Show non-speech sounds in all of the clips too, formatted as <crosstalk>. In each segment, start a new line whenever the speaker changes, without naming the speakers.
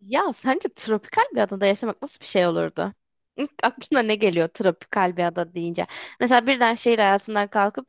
Ya sence tropikal bir adada yaşamak nasıl bir şey olurdu? İlk aklına ne geliyor tropikal bir ada deyince? Mesela birden şehir hayatından kalkıp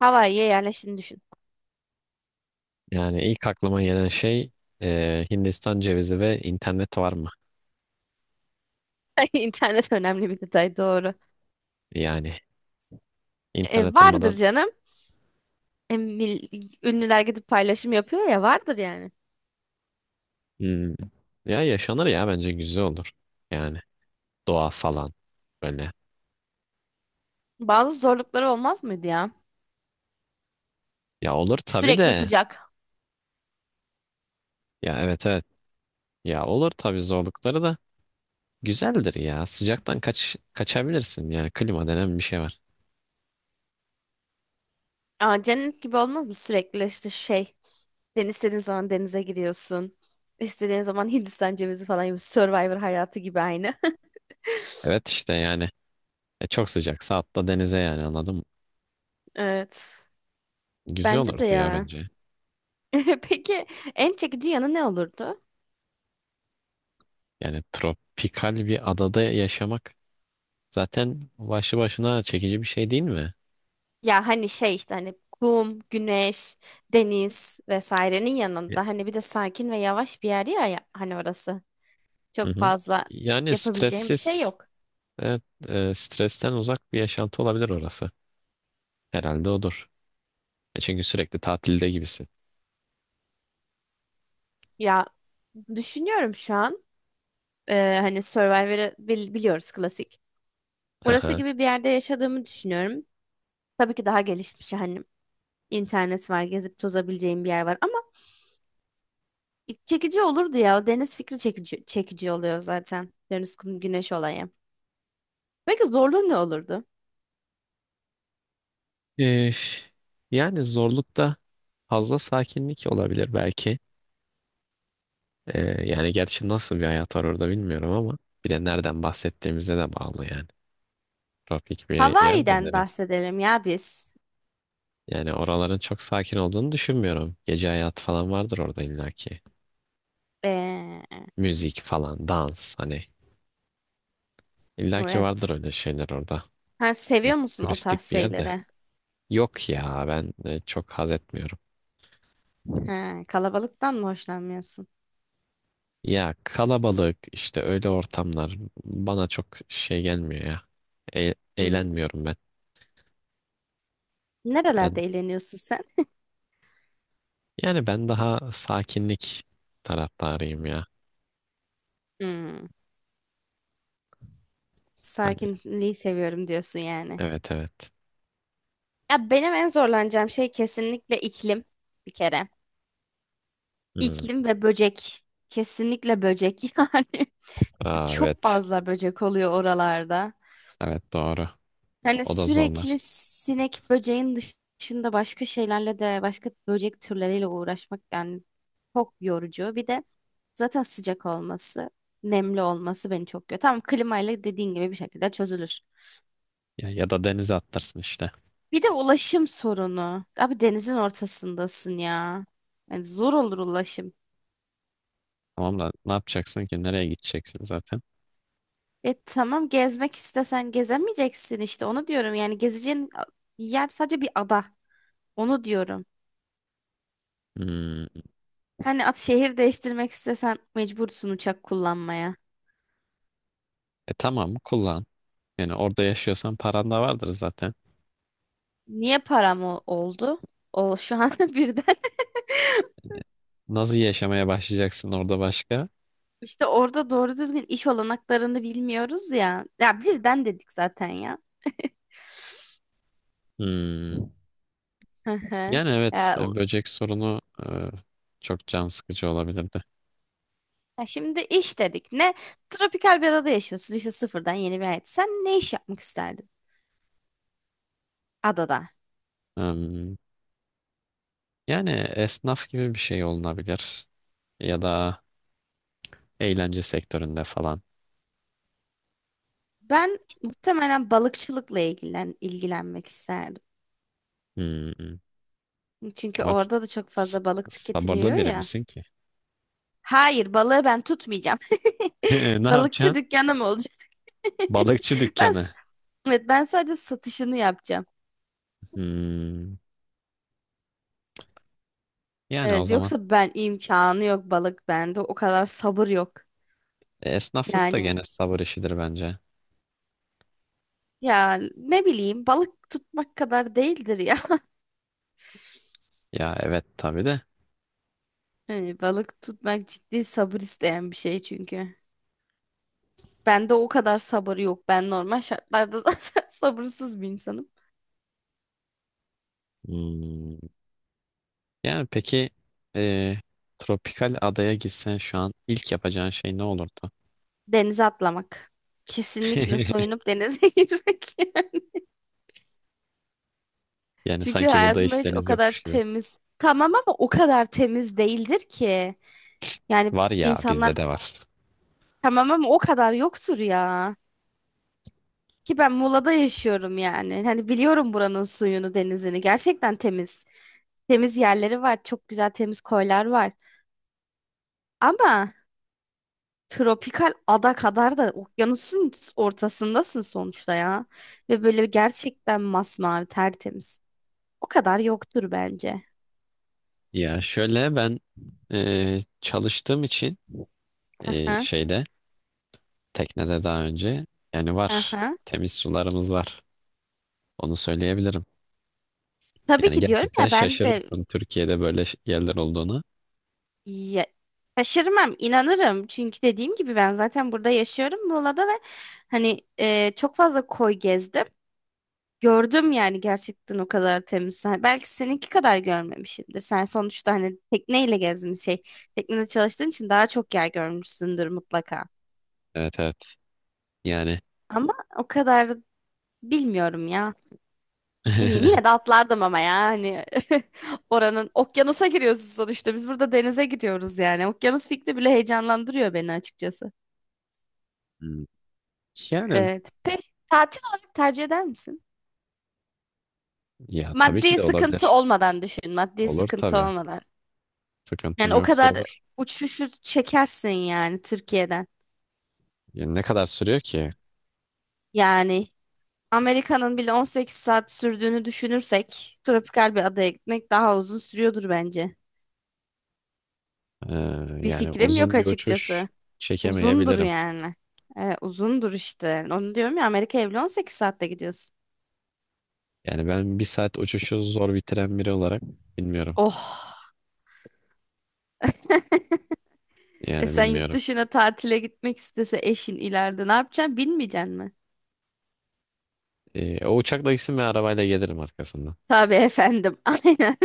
Hawaii'ye yerleştiğini düşün.
Yani ilk aklıma gelen şey Hindistan cevizi ve internet var mı?
<laughs> İnternet önemli bir detay, doğru.
Yani internet
Vardır
olmadan
canım. Ünlüler gidip paylaşım yapıyor ya, vardır yani.
hmm, ya yaşanır ya bence güzel olur. Yani doğa falan böyle.
Bazı zorlukları olmaz mıydı ya?
Ya olur tabii
Sürekli
de.
sıcak.
Ya evet evet. Ya olur tabii zorlukları da güzeldir ya. Sıcaktan kaçabilirsin yani klima denen bir şey var.
Aa, cennet gibi olmaz mı? Sürekli işte şey. Deniz, istediğin zaman denize giriyorsun. İstediğin zaman Hindistan cevizi falan gibi. Survivor hayatı gibi aynı.
Evet işte yani çok sıcaksa atla denize yani anladım.
<laughs> Evet.
Güzel
Bence de
olurdu ya
ya.
bence.
<laughs> Peki, en çekici yanı ne olurdu?
Yani tropikal bir adada yaşamak zaten başlı başına çekici bir şey değil mi?
Ya hani şey işte hani kum, güneş, deniz vesairenin
Ya-
yanında hani bir de sakin ve yavaş bir yer ya, ya hani orası.
Hı
Çok
hı.
fazla
Yani
yapabileceğim bir şey
stressiz,
yok.
evet, stresten uzak bir yaşantı olabilir orası. Herhalde odur. E çünkü sürekli tatilde gibisin.
Ya düşünüyorum şu an. Hani Survivor'ı biliyoruz, klasik.
Hı
Orası
hı.
gibi bir yerde yaşadığımı düşünüyorum. Tabii ki daha gelişmiş, hani internet var, gezip tozabileceğim bir yer var. Çekici olurdu ya. O deniz fikri çekici, çekici oluyor zaten. Deniz, kum, güneş olayı. Peki zorluğu ne olurdu?
E, Yani zorlukta fazla sakinlik olabilir belki. Yani gerçi nasıl bir hayat var orada bilmiyorum ama bir de nereden bahsettiğimize de bağlı yani. Tropik bir yer de
Hawaii'den
neresi?
bahsedelim ya biz.
Yani oraların çok sakin olduğunu düşünmüyorum. Gece hayatı falan vardır orada illaki.
Ee,
Müzik falan, dans hani. İlla ki vardır
evet.
öyle şeyler orada.
Ha, seviyor musun o tarz
Turistik bir yerde.
şeyleri?
Yok ya ben çok haz etmiyorum.
Ha, kalabalıktan mı hoşlanmıyorsun?
Ya kalabalık işte öyle ortamlar bana çok şey gelmiyor ya.
Hmm.
Eğlenmiyorum ben.
Nerelerde
Ben
eğleniyorsun sen?
Yani ben daha sakinlik taraftarıyım ya.
Hmm.
Hani
Sakinliği seviyorum diyorsun yani.
evet evet.
Ya benim en zorlanacağım şey kesinlikle iklim, bir kere.
Hmm.
İklim ve böcek. Kesinlikle böcek <laughs> yani.
Aa,
Çok
evet.
fazla böcek oluyor oralarda.
Evet doğru.
Yani
O da
sürekli
zorlar.
sinek böceğin dışında başka şeylerle de, başka böcek türleriyle uğraşmak yani çok yorucu. Bir de zaten sıcak olması, nemli olması beni çok yoruyor. Tamam, klimayla dediğin gibi bir şekilde çözülür.
Ya, ya da denize attırsın işte.
Bir de ulaşım sorunu. Abi denizin ortasındasın ya. Yani zor olur ulaşım.
Tamam da ne yapacaksın ki? Nereye gideceksin zaten?
E tamam, gezmek istesen gezemeyeceksin, işte onu diyorum. Yani gezeceğin yer sadece bir ada. Onu diyorum.
Hmm.
Hani at, şehir değiştirmek istesen mecbursun uçak kullanmaya.
E tamam kullan. Yani orada yaşıyorsan paran da vardır zaten.
Niye param oldu? O şu an <laughs> birden.
Nasıl yaşamaya başlayacaksın orada başka?
İşte orada doğru düzgün iş olanaklarını bilmiyoruz ya. Ya birden dedik zaten ya.
Hmm.
Hı hı.
Yani evet,
Ya, u-
böcek sorunu e, çok can sıkıcı olabilirdi.
Ya şimdi iş dedik. Ne? Tropikal bir adada yaşıyorsun. İşte sıfırdan yeni bir hayat. Sen ne iş yapmak isterdin adada?
Hmm. Yani esnaf gibi bir şey olunabilir. Ya da eğlence sektöründe falan.
Ben muhtemelen balıkçılıkla ilgilenmek isterdim.
Hmm.
Çünkü
Ama
orada da çok
s-
fazla balık
sabırlı
tüketiliyor
biri
ya.
misin ki?
Hayır, balığı ben tutmayacağım.
<laughs> Ne
<laughs> Balıkçı
yapacaksın?
dükkanım olacak. <laughs>
Balıkçı
Ben, s-
dükkanı.
evet, ben sadece satışını yapacağım.
Hmm. Yani o
Evet,
zaman
yoksa ben imkanı yok balık bende. O kadar sabır yok.
esnaflık da
Yani
gene sabır işidir bence.
ya ne bileyim, balık tutmak kadar değildir ya. <laughs>
Ya evet tabii de.
Hani balık tutmak ciddi sabır isteyen bir şey çünkü. Bende o kadar sabır yok. Ben normal şartlarda <laughs> zaten sabırsız bir insanım.
Hmm. Yani peki, e, tropikal adaya gitsen şu an ilk yapacağın şey ne olurdu?
Denize atlamak. Kesinlikle
<laughs>
soyunup denize <laughs> girmek.
Yani
Çünkü
sanki burada
hayatımda
hiç
hiç o
deniz
kadar
yokmuş gibi.
temiz, tamam ama o kadar temiz değildir ki. Yani
Var ya bizde
insanlar,
de var.
tamam ama o kadar yoktur ya. Ki ben Muğla'da yaşıyorum yani. Hani biliyorum buranın suyunu, denizini. Gerçekten temiz. Temiz yerleri var. Çok güzel temiz koylar var. Ama tropikal ada kadar da okyanusun ortasındasın sonuçta ya. Ve böyle gerçekten masmavi, tertemiz. O kadar yoktur bence.
Ya şöyle ben, çalıştığım için e,
Aha,
şeyde teknede daha önce, yani var,
aha.
temiz sularımız var. Onu söyleyebilirim.
Tabii
Yani
ki, diyorum
gerçekten
ya ben de.
şaşırırsın Türkiye'de böyle yerler olduğunu.
Ya, şaşırmam, inanırım. Çünkü dediğim gibi ben zaten burada yaşıyorum Muğla'da ve hani çok fazla koy gezdim. Gördüm yani, gerçekten o kadar temiz. Hani belki seninki kadar görmemişimdir. Sen sonuçta hani tekneyle gezmiş şey. Teknede çalıştığın için daha çok yer görmüşsündür mutlaka.
Evet evet yani.
Ama o kadar bilmiyorum ya. Ne bileyim, yine de
<laughs>
atlardım ama ya hani <laughs> oranın okyanusa giriyorsun sonuçta. Biz burada denize gidiyoruz yani. Okyanus fikri bile heyecanlandırıyor beni açıkçası.
Hmm. Yani
Evet. Peki tatil olarak tercih eder misin?
ya tabii ki
Maddi
de
sıkıntı
olabilir.
olmadan düşün. Maddi
Olur
sıkıntı
tabii.
olmadan.
Sıkıntım
Yani o
yoksa
kadar
olur.
uçuşu çekersin yani Türkiye'den.
Yani ne kadar sürüyor ki?
Yani Amerika'nın bile 18 saat sürdüğünü düşünürsek tropikal bir adaya gitmek daha uzun sürüyordur bence.
Ee,
Bir
yani
fikrim yok
uzun bir uçuş
açıkçası. Uzundur
çekemeyebilirim.
yani. Uzundur işte. Onu diyorum ya, Amerika'ya bile 18 saatte gidiyorsun.
Yani ben bir saat uçuşu zor bitiren biri olarak bilmiyorum.
Oh. E
Yani
sen yurt
bilmiyorum.
dışına tatile gitmek istese eşin ileride ne yapacaksın? Bilmeyeceksin mi?
O uçakla gitsin ve arabayla gelirim arkasından.
Tabii efendim. <laughs> Aynen.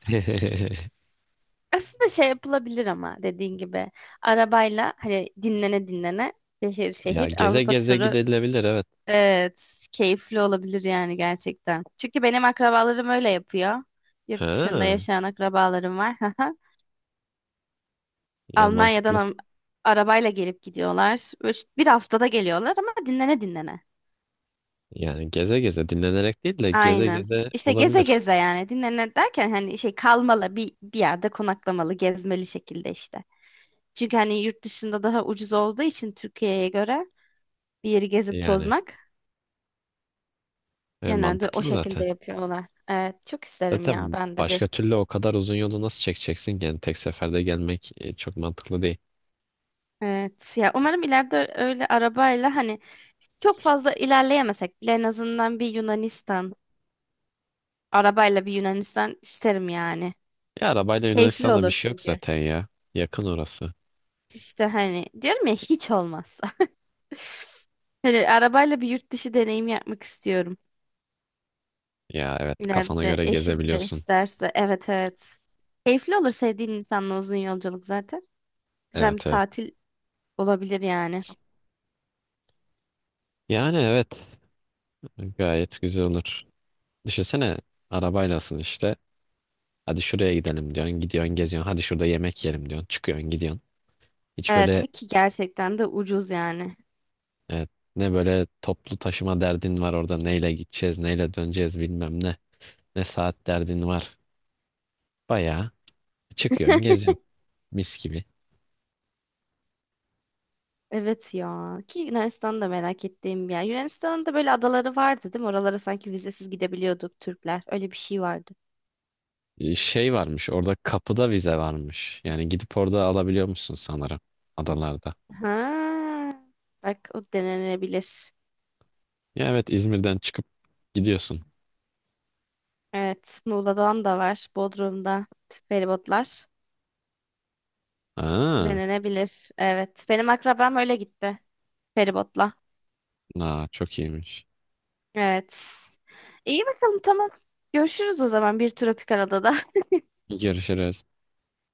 <laughs>
Aslında şey yapılabilir ama dediğin gibi arabayla hani dinlene dinlene şehir
Ya
şehir
geze
Avrupa
geze
turu,
gidilebilir evet.
evet, keyifli olabilir yani gerçekten. Çünkü benim akrabalarım öyle yapıyor. Yurt dışında
Ha,
yaşayan akrabalarım var. <laughs>
ya
Almanya'dan
mantıklı.
am- Arabayla gelip gidiyorlar. Üç, bir haftada geliyorlar ama dinlene dinlene.
Yani geze geze dinlenerek değil de geze
Aynen.
geze
İşte geze
olabilir.
geze, yani dinlene derken hani şey kalmalı, bir yerde konaklamalı, gezmeli şekilde işte. Çünkü hani yurt dışında daha ucuz olduğu için Türkiye'ye göre bir yeri gezip
Yani
tozmak genelde o
mantıklı
şekilde
zaten.
yapıyorlar. Evet, çok isterim ya
Zaten
ben de bir.
başka türlü o kadar uzun yolu nasıl çekeceksin ki? Yani tek seferde gelmek çok mantıklı değil.
Evet ya, umarım ileride öyle arabayla hani çok fazla ilerleyemesek bile en azından bir Yunanistan, arabayla bir Yunanistan isterim yani.
Ya arabayla
Keyifli
Yunanistan'da bir
olur
şey yok
çünkü.
zaten ya. Yakın orası.
İşte hani diyorum ya, hiç olmazsa. <laughs> Hani arabayla bir yurt dışı deneyim yapmak istiyorum.
Ya evet, kafana
İleride
göre
eşim de
gezebiliyorsun.
isterse. Evet evet. Keyifli olur sevdiğin insanla uzun yolculuk zaten. Güzel bir
Evet evet.
tatil olabilir yani.
Yani evet, gayet güzel olur. Düşünsene, arabaylasın işte. Hadi şuraya gidelim diyorsun. Gidiyorsun geziyorsun. Hadi şurada yemek yiyelim diyorsun. Çıkıyorsun gidiyorsun. Hiç
Evet
böyle
ve ki gerçekten de ucuz yani.
evet, ne böyle toplu taşıma derdin var orada. Neyle gideceğiz, neyle döneceğiz, bilmem ne. Ne saat derdin var. Bayağı çıkıyorsun
<laughs>
geziyorsun. Mis gibi.
Evet ya, ki Yunanistan'da merak ettiğim bir yer. Yunanistan'ın da böyle adaları vardı değil mi? Oralara sanki vizesiz gidebiliyorduk Türkler. Öyle bir şey vardı.
Şey varmış orada, kapıda vize varmış. Yani gidip orada alabiliyor musun sanırım, adalarda.
Ha, bak o denenebilir.
Ya evet, İzmir'den çıkıp gidiyorsun.
Evet Muğla'dan da var. Bodrum'da feribotlar
Aa,
denenebilir. Evet benim akrabam öyle gitti, feribotla.
aa çok iyiymiş.
Evet. İyi bakalım, tamam. Görüşürüz o zaman bir tropikal adada.
Görüşürüz.